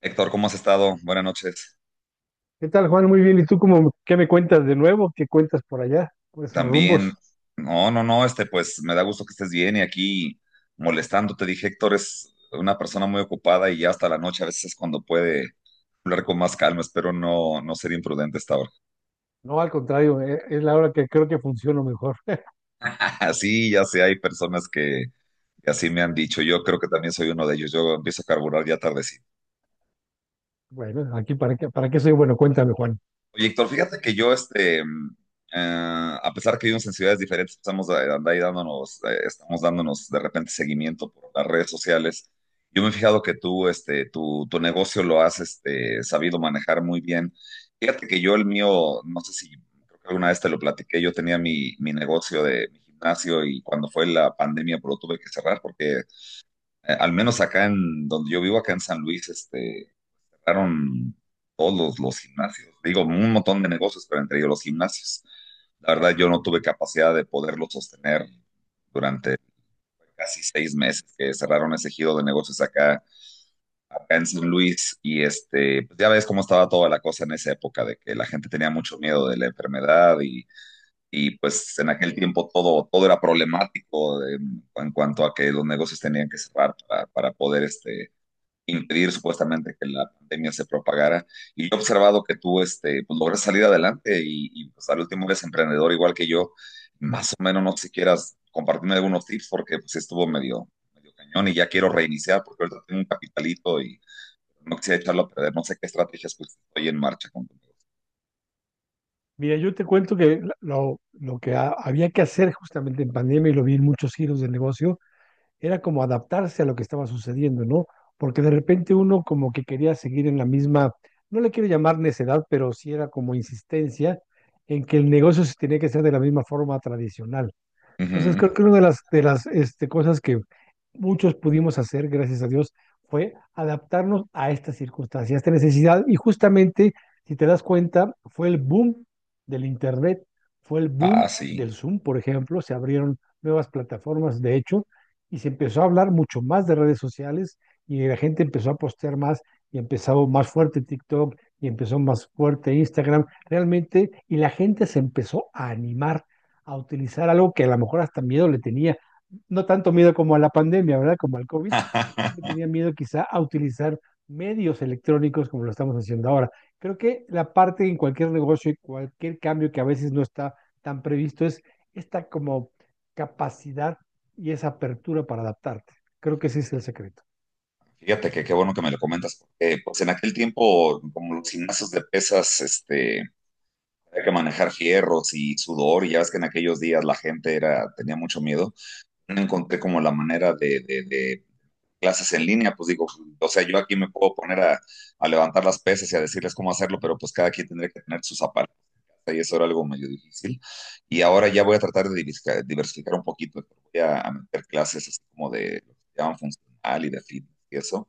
Héctor, ¿cómo has estado? Buenas noches. ¿Qué tal, Juan? Muy bien. ¿Y tú cómo, qué me cuentas de nuevo? ¿Qué cuentas por allá? Por esos También, rumbos. no, no, no, pues me da gusto que estés bien y aquí molestándote. Dije, Héctor es una persona muy ocupada y ya hasta la noche a veces es cuando puede hablar con más calma. Espero no ser imprudente a esta ahora. No, al contrario, es la hora que creo que funciona mejor. Así, ya sé, hay personas que así me han dicho. Yo creo que también soy uno de ellos. Yo empiezo a carburar ya tardecito. Bueno, aquí para qué soy bueno, cuéntame, Juan. Oye, Héctor, fíjate que yo, a pesar que vivimos en ciudades diferentes, estamos dándonos de repente seguimiento por las redes sociales. Yo me he fijado que tú, tu negocio lo has, sabido manejar muy bien. Fíjate que yo el mío, no sé si, creo que alguna vez te lo platiqué, yo tenía mi negocio de mi gimnasio y cuando fue la pandemia, pues lo tuve que cerrar porque, al menos acá en donde yo vivo, acá en San Luis, este cerraron todos los gimnasios. Digo, un montón de negocios, pero entre ellos los gimnasios. La verdad, yo no tuve capacidad de poderlo sostener durante casi 6 meses que cerraron ese giro de negocios acá, acá en San Luis. Y este, pues ya ves cómo estaba toda la cosa en esa época, de que la gente tenía mucho miedo de la enfermedad y pues en aquel tiempo todo era problemático en cuanto a que los negocios tenían que cerrar para poder este, impedir supuestamente que la pandemia se propagara. Y yo he observado que tú este, pues, logras salir adelante y pues al último eres emprendedor igual que yo. Más o menos, no sé si quieras compartirme algunos tips porque pues sí estuvo medio cañón y ya quiero reiniciar porque ahorita tengo un capitalito y no quisiera echarlo a perder. No sé qué estrategias pues estoy en marcha con tu Mira, yo te cuento que lo que había que hacer justamente en pandemia, y lo vi en muchos giros del negocio, era como adaptarse a lo que estaba sucediendo, ¿no? Porque de repente uno como que quería seguir en la misma, no le quiero llamar necedad, pero sí era como insistencia en que el negocio se tenía que hacer de la misma forma tradicional. Entonces, -huh. creo que una de las cosas que muchos pudimos hacer, gracias a Dios, fue adaptarnos a esta circunstancia, a esta necesidad. Y justamente, si te das cuenta, fue el boom del Internet, fue el Ah, boom sí. del Zoom, por ejemplo. Se abrieron nuevas plataformas, de hecho, y se empezó a hablar mucho más de redes sociales y la gente empezó a postear más y empezó más fuerte TikTok y empezó más fuerte Instagram, realmente, y la gente se empezó a animar a utilizar algo que a lo mejor hasta miedo le tenía, no tanto miedo como a la pandemia, ¿verdad? Como al COVID, pero sí le tenía miedo quizá a utilizar medios electrónicos como lo estamos haciendo ahora. Creo que la parte en cualquier negocio y cualquier cambio que a veces no está tan previsto es esta como capacidad y esa apertura para adaptarte. Creo que ese es el secreto. Fíjate que qué bueno que me lo comentas, porque pues en aquel tiempo, como los gimnasios de pesas, este, hay que manejar fierros y sudor, y ya ves que en aquellos días la gente era, tenía mucho miedo. No encontré como la manera de clases en línea, pues digo, o sea, yo aquí me puedo poner a levantar las pesas y a decirles cómo hacerlo, pero pues cada quien tendría que tener sus zapatos y eso era algo medio difícil. Y ahora ya voy a tratar de diversificar, diversificar un poquito, voy a meter clases así como de lo que se llaman funcional y de fitness y eso,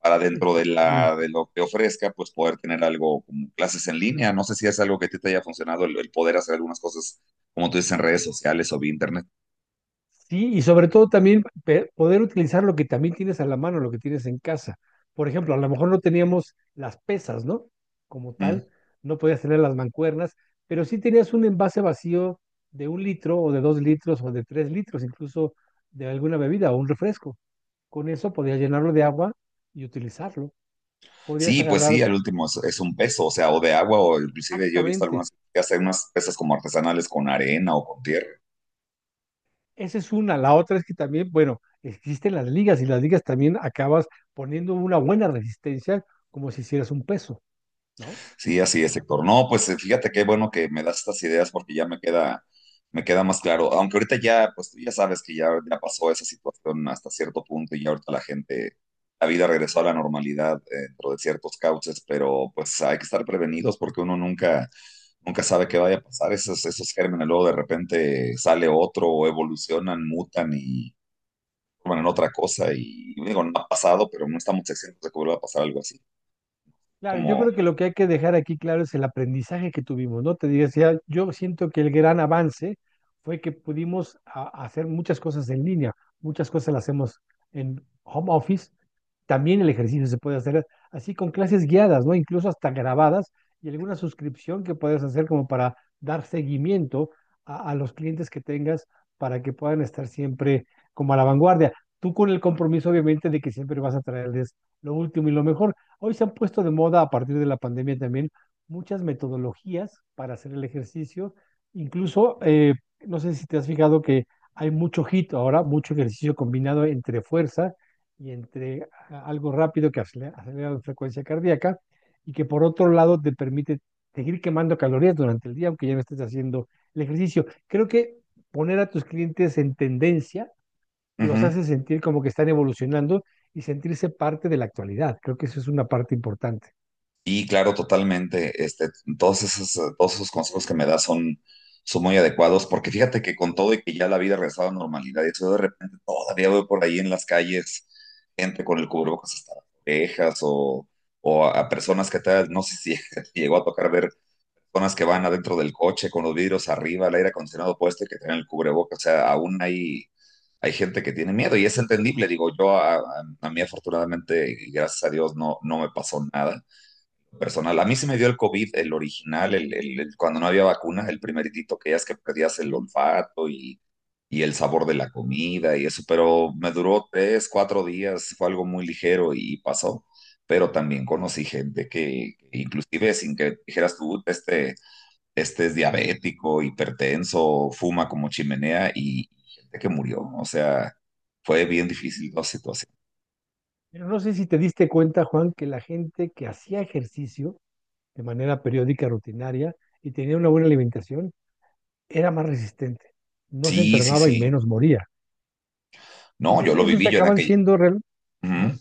para dentro de de Exactamente. lo que ofrezca, pues poder tener algo como clases en línea. No sé si es algo que a ti te haya funcionado, el poder hacer algunas cosas, como tú dices, en redes sociales o vía internet. Sí, y sobre todo también poder utilizar lo que también tienes a la mano, lo que tienes en casa. Por ejemplo, a lo mejor no teníamos las pesas, ¿no? Como Uh -huh. tal, no podías tener las mancuernas, pero sí tenías un envase vacío de un litro o de dos litros o de tres litros, incluso de alguna bebida o un refresco. Con eso podías llenarlo de agua y utilizarlo. Podías Sí, pues sí, agarrar al último es un peso, o sea, o de agua, o inclusive yo he visto exactamente. algunas que hacen unas pesas como artesanales con arena o con tierra. Esa es una. La otra es que también, bueno, existen las ligas y las ligas también acabas poniendo una buena resistencia como si hicieras un peso, ¿no? Sí, así es, Héctor. No, pues fíjate qué bueno que me das estas ideas porque ya me queda más claro. Aunque ahorita ya, pues tú ya sabes que ya pasó esa situación hasta cierto punto y ya ahorita la gente, la vida regresó a la normalidad dentro de ciertos cauces, pero pues hay que estar prevenidos porque uno nunca, nunca sabe qué vaya a pasar. Esos gérmenes luego de repente sale otro o evolucionan, mutan bueno, en otra cosa y digo, no ha pasado, pero no estamos exentos de que vuelva a pasar algo así. Claro, yo Como, creo que lo que hay que dejar aquí claro es el aprendizaje que tuvimos, ¿no? Te digo, o sea, yo siento que el gran avance fue que pudimos hacer muchas cosas en línea, muchas cosas las hacemos en home office, también el ejercicio se puede hacer así con clases guiadas, ¿no? Incluso hasta grabadas y alguna suscripción que puedas hacer como para dar seguimiento a los clientes que tengas para que puedan estar siempre como a la vanguardia. Tú con el compromiso, obviamente, de que siempre vas a traerles lo último y lo mejor. Hoy se han puesto de moda a partir de la pandemia también muchas metodologías para hacer el ejercicio. Incluso, no sé si te has fijado que hay mucho hit ahora, mucho ejercicio combinado entre fuerza y entre algo rápido que acelera, acelera la frecuencia cardíaca y que por otro lado te permite seguir quemando calorías durante el día, aunque ya no estés haciendo el ejercicio. Creo que poner a tus clientes en tendencia uh los -huh. hace sentir como que están evolucionando y sentirse parte de la actualidad. Creo que eso es una parte importante. Y claro, totalmente, este, todos esos consejos que me das son muy adecuados, porque fíjate que con todo y que ya la vida ha regresado a la normalidad, y eso yo de repente todavía veo por ahí en las calles gente con el cubrebocas hasta las orejas o, a personas que tal, no sé si te llegó a tocar ver personas que van adentro del coche con los vidrios arriba, el aire acondicionado puesto y que tienen el cubrebocas. O sea, aún hay, hay gente que tiene miedo y es entendible. Digo, yo a mí afortunadamente y gracias a Dios no, no me pasó nada personal. A mí se me dio el COVID, el original, cuando no había vacuna, el primeritito que ya es que perdías el Sí. olfato y el sabor de la comida y eso, pero me duró 3, 4 días, fue algo muy ligero y pasó. Pero también conocí gente que inclusive sin que dijeras tú, este es diabético, hipertenso, fuma como chimenea y gente que murió. O sea, fue bien difícil la situación. Pero no sé si te diste cuenta, Juan, que la gente que hacía ejercicio de manera periódica, rutinaria, y tenía una buena alimentación, era más resistente, no se Sí, sí, enfermaba y sí. menos moría. No, Entonces, yo lo esos viví yo en acaban aquella. siendo... Ajá. Ujú.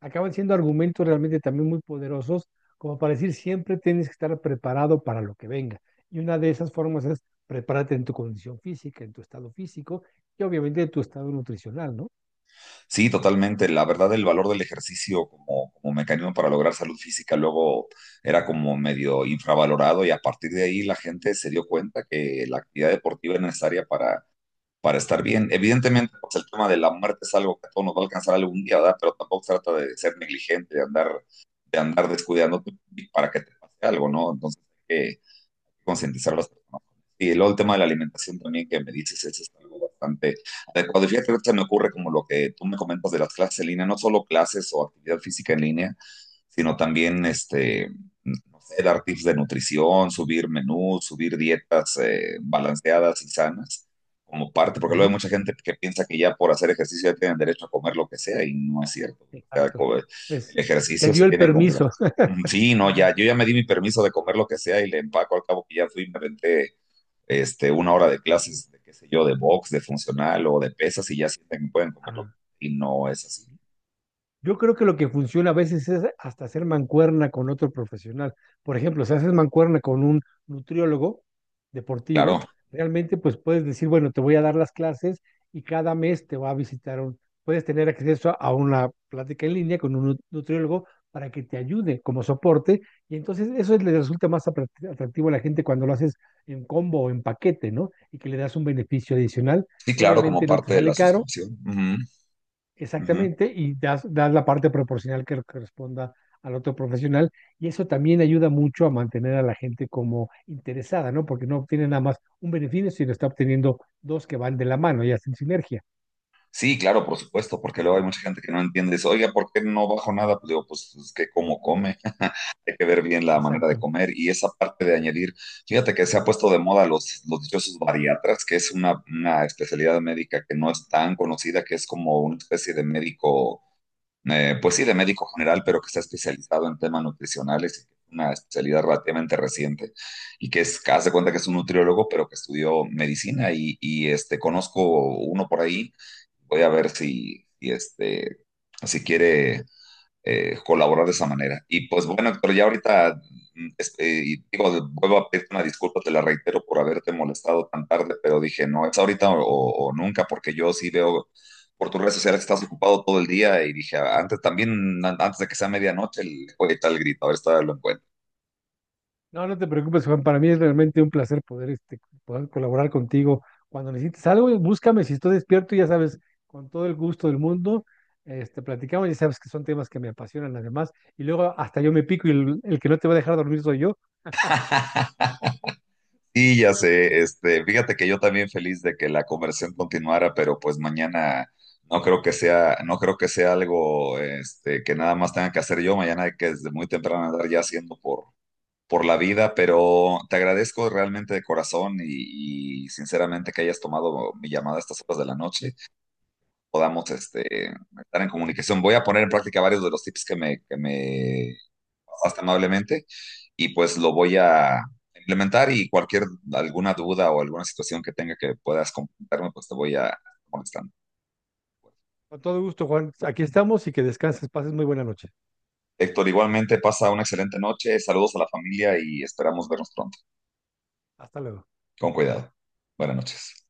Acaban siendo argumentos realmente también muy poderosos, como para decir siempre tienes que estar preparado para lo que venga. Y una de esas formas es prepárate en tu condición física, en tu estado físico y obviamente en tu estado nutricional, ¿no? Sí, totalmente. La verdad, el valor del ejercicio como mecanismo para lograr salud física luego era como medio infravalorado y a partir de ahí la gente se dio cuenta que la actividad deportiva es necesaria para estar bien. Evidentemente, pues el tema de la muerte es algo que a todos nos va a alcanzar algún día, ¿verdad? Pero tampoco se trata de ser negligente, de andar descuidándote para que te pase algo, ¿no? Entonces, hay que concientizar a las personas. Y luego el tema de la alimentación también que me dices es este, algo bastante adecuado. Y fíjate que se me ocurre como lo que tú me comentas de las clases en línea, no solo clases o actividad física en línea, sino también este, no sé, dar tips de nutrición, subir menús, subir dietas balanceadas y sanas como parte, porque luego hay Ujú. mucha gente que piensa que ya por hacer ejercicio ya tienen derecho a comer lo que sea y no es cierto. O sea, Exacto. El Es, se ejercicio se dio el tiene como permiso. mm, sí, no, ya, yo ya me di mi permiso de comer lo que sea y le empaco al cabo que ya fui, me renté este, una hora de clases, de qué sé yo, de box, de funcional o de pesas y ya sienten que pueden comerlo. Ah. Y no es así. Yo creo que lo que funciona a veces es hasta hacer mancuerna con otro profesional. Por ejemplo, si haces mancuerna con un nutriólogo Claro, deportivo, realmente pues puedes decir, bueno, te voy a dar las clases y cada mes te va a visitar un, puedes tener acceso a una plática en línea con un nutriólogo para que te ayude como soporte y entonces eso le resulta más atractivo a la gente cuando lo haces en combo o en paquete, ¿no? Y que le das un beneficio adicional sí, que claro, como obviamente no te parte de sale la caro. suscripción. Ujú, ujú. Exactamente, y das, das la parte proporcional que corresponda al otro profesional, y eso también ayuda mucho a mantener a la gente como interesada, ¿no? Porque no obtiene nada más un beneficio, sino está obteniendo dos que van de la mano y hacen sinergia. Sí, claro, por supuesto, porque luego hay mucha gente que no entiende eso. Oiga, ¿por qué no bajo nada? Pues digo, pues es que como come. Hay que ver bien la manera de Exacto. comer y esa parte de añadir, fíjate que se ha puesto de moda los dichosos bariatras, que es una especialidad médica que no es tan conocida, que es como una especie de médico, pues sí, de médico general, pero que está especializado en temas nutricionales, una especialidad relativamente reciente y que es, haz de cuenta que es un nutriólogo, pero que estudió medicina y este, conozco uno por ahí, voy a ver si quiere colaborar de esa manera. Y pues bueno, Héctor, ya ahorita, y digo, vuelvo a pedirte una disculpa, te la reitero por haberte molestado tan tarde, pero dije, no, es o nunca, porque yo sí veo por tus redes sociales que estás ocupado todo el día y dije, antes también, antes de que sea medianoche, le voy a echar el grito, a ver si todavía lo encuentro. No, no te preocupes, Juan, para mí es realmente un placer poder, este, poder colaborar contigo. Cuando necesites algo, búscame, si estoy despierto, ya sabes, con todo el gusto del mundo, este, platicamos, ya sabes que son temas que me apasionan además, y luego hasta yo me pico y el que no te va a dejar dormir soy yo, Sí, ya sé, este, fíjate que yo también feliz de que la conversión continuara, pero pues mañana no creo que sea, no creo que sea algo, este, que nada más tenga que hacer yo, mañana hay que desde muy temprano andar ya haciendo por la vida, pero te agradezco realmente de corazón y sinceramente que hayas tomado mi llamada a estas horas de la noche, podamos, este, estar en comunicación. Voy a poner en práctica varios de los tips que me hasta amablemente y pues lo voy a implementar y cualquier alguna duda o alguna situación que tenga que puedas comentarme, pues te voy a molestar. con todo gusto, Juan. Aquí estamos y que descanses. Pases muy buena noche. Héctor, igualmente pasa una excelente noche, saludos a la familia y esperamos vernos pronto. Hasta luego. Con cuidado. Buenas noches.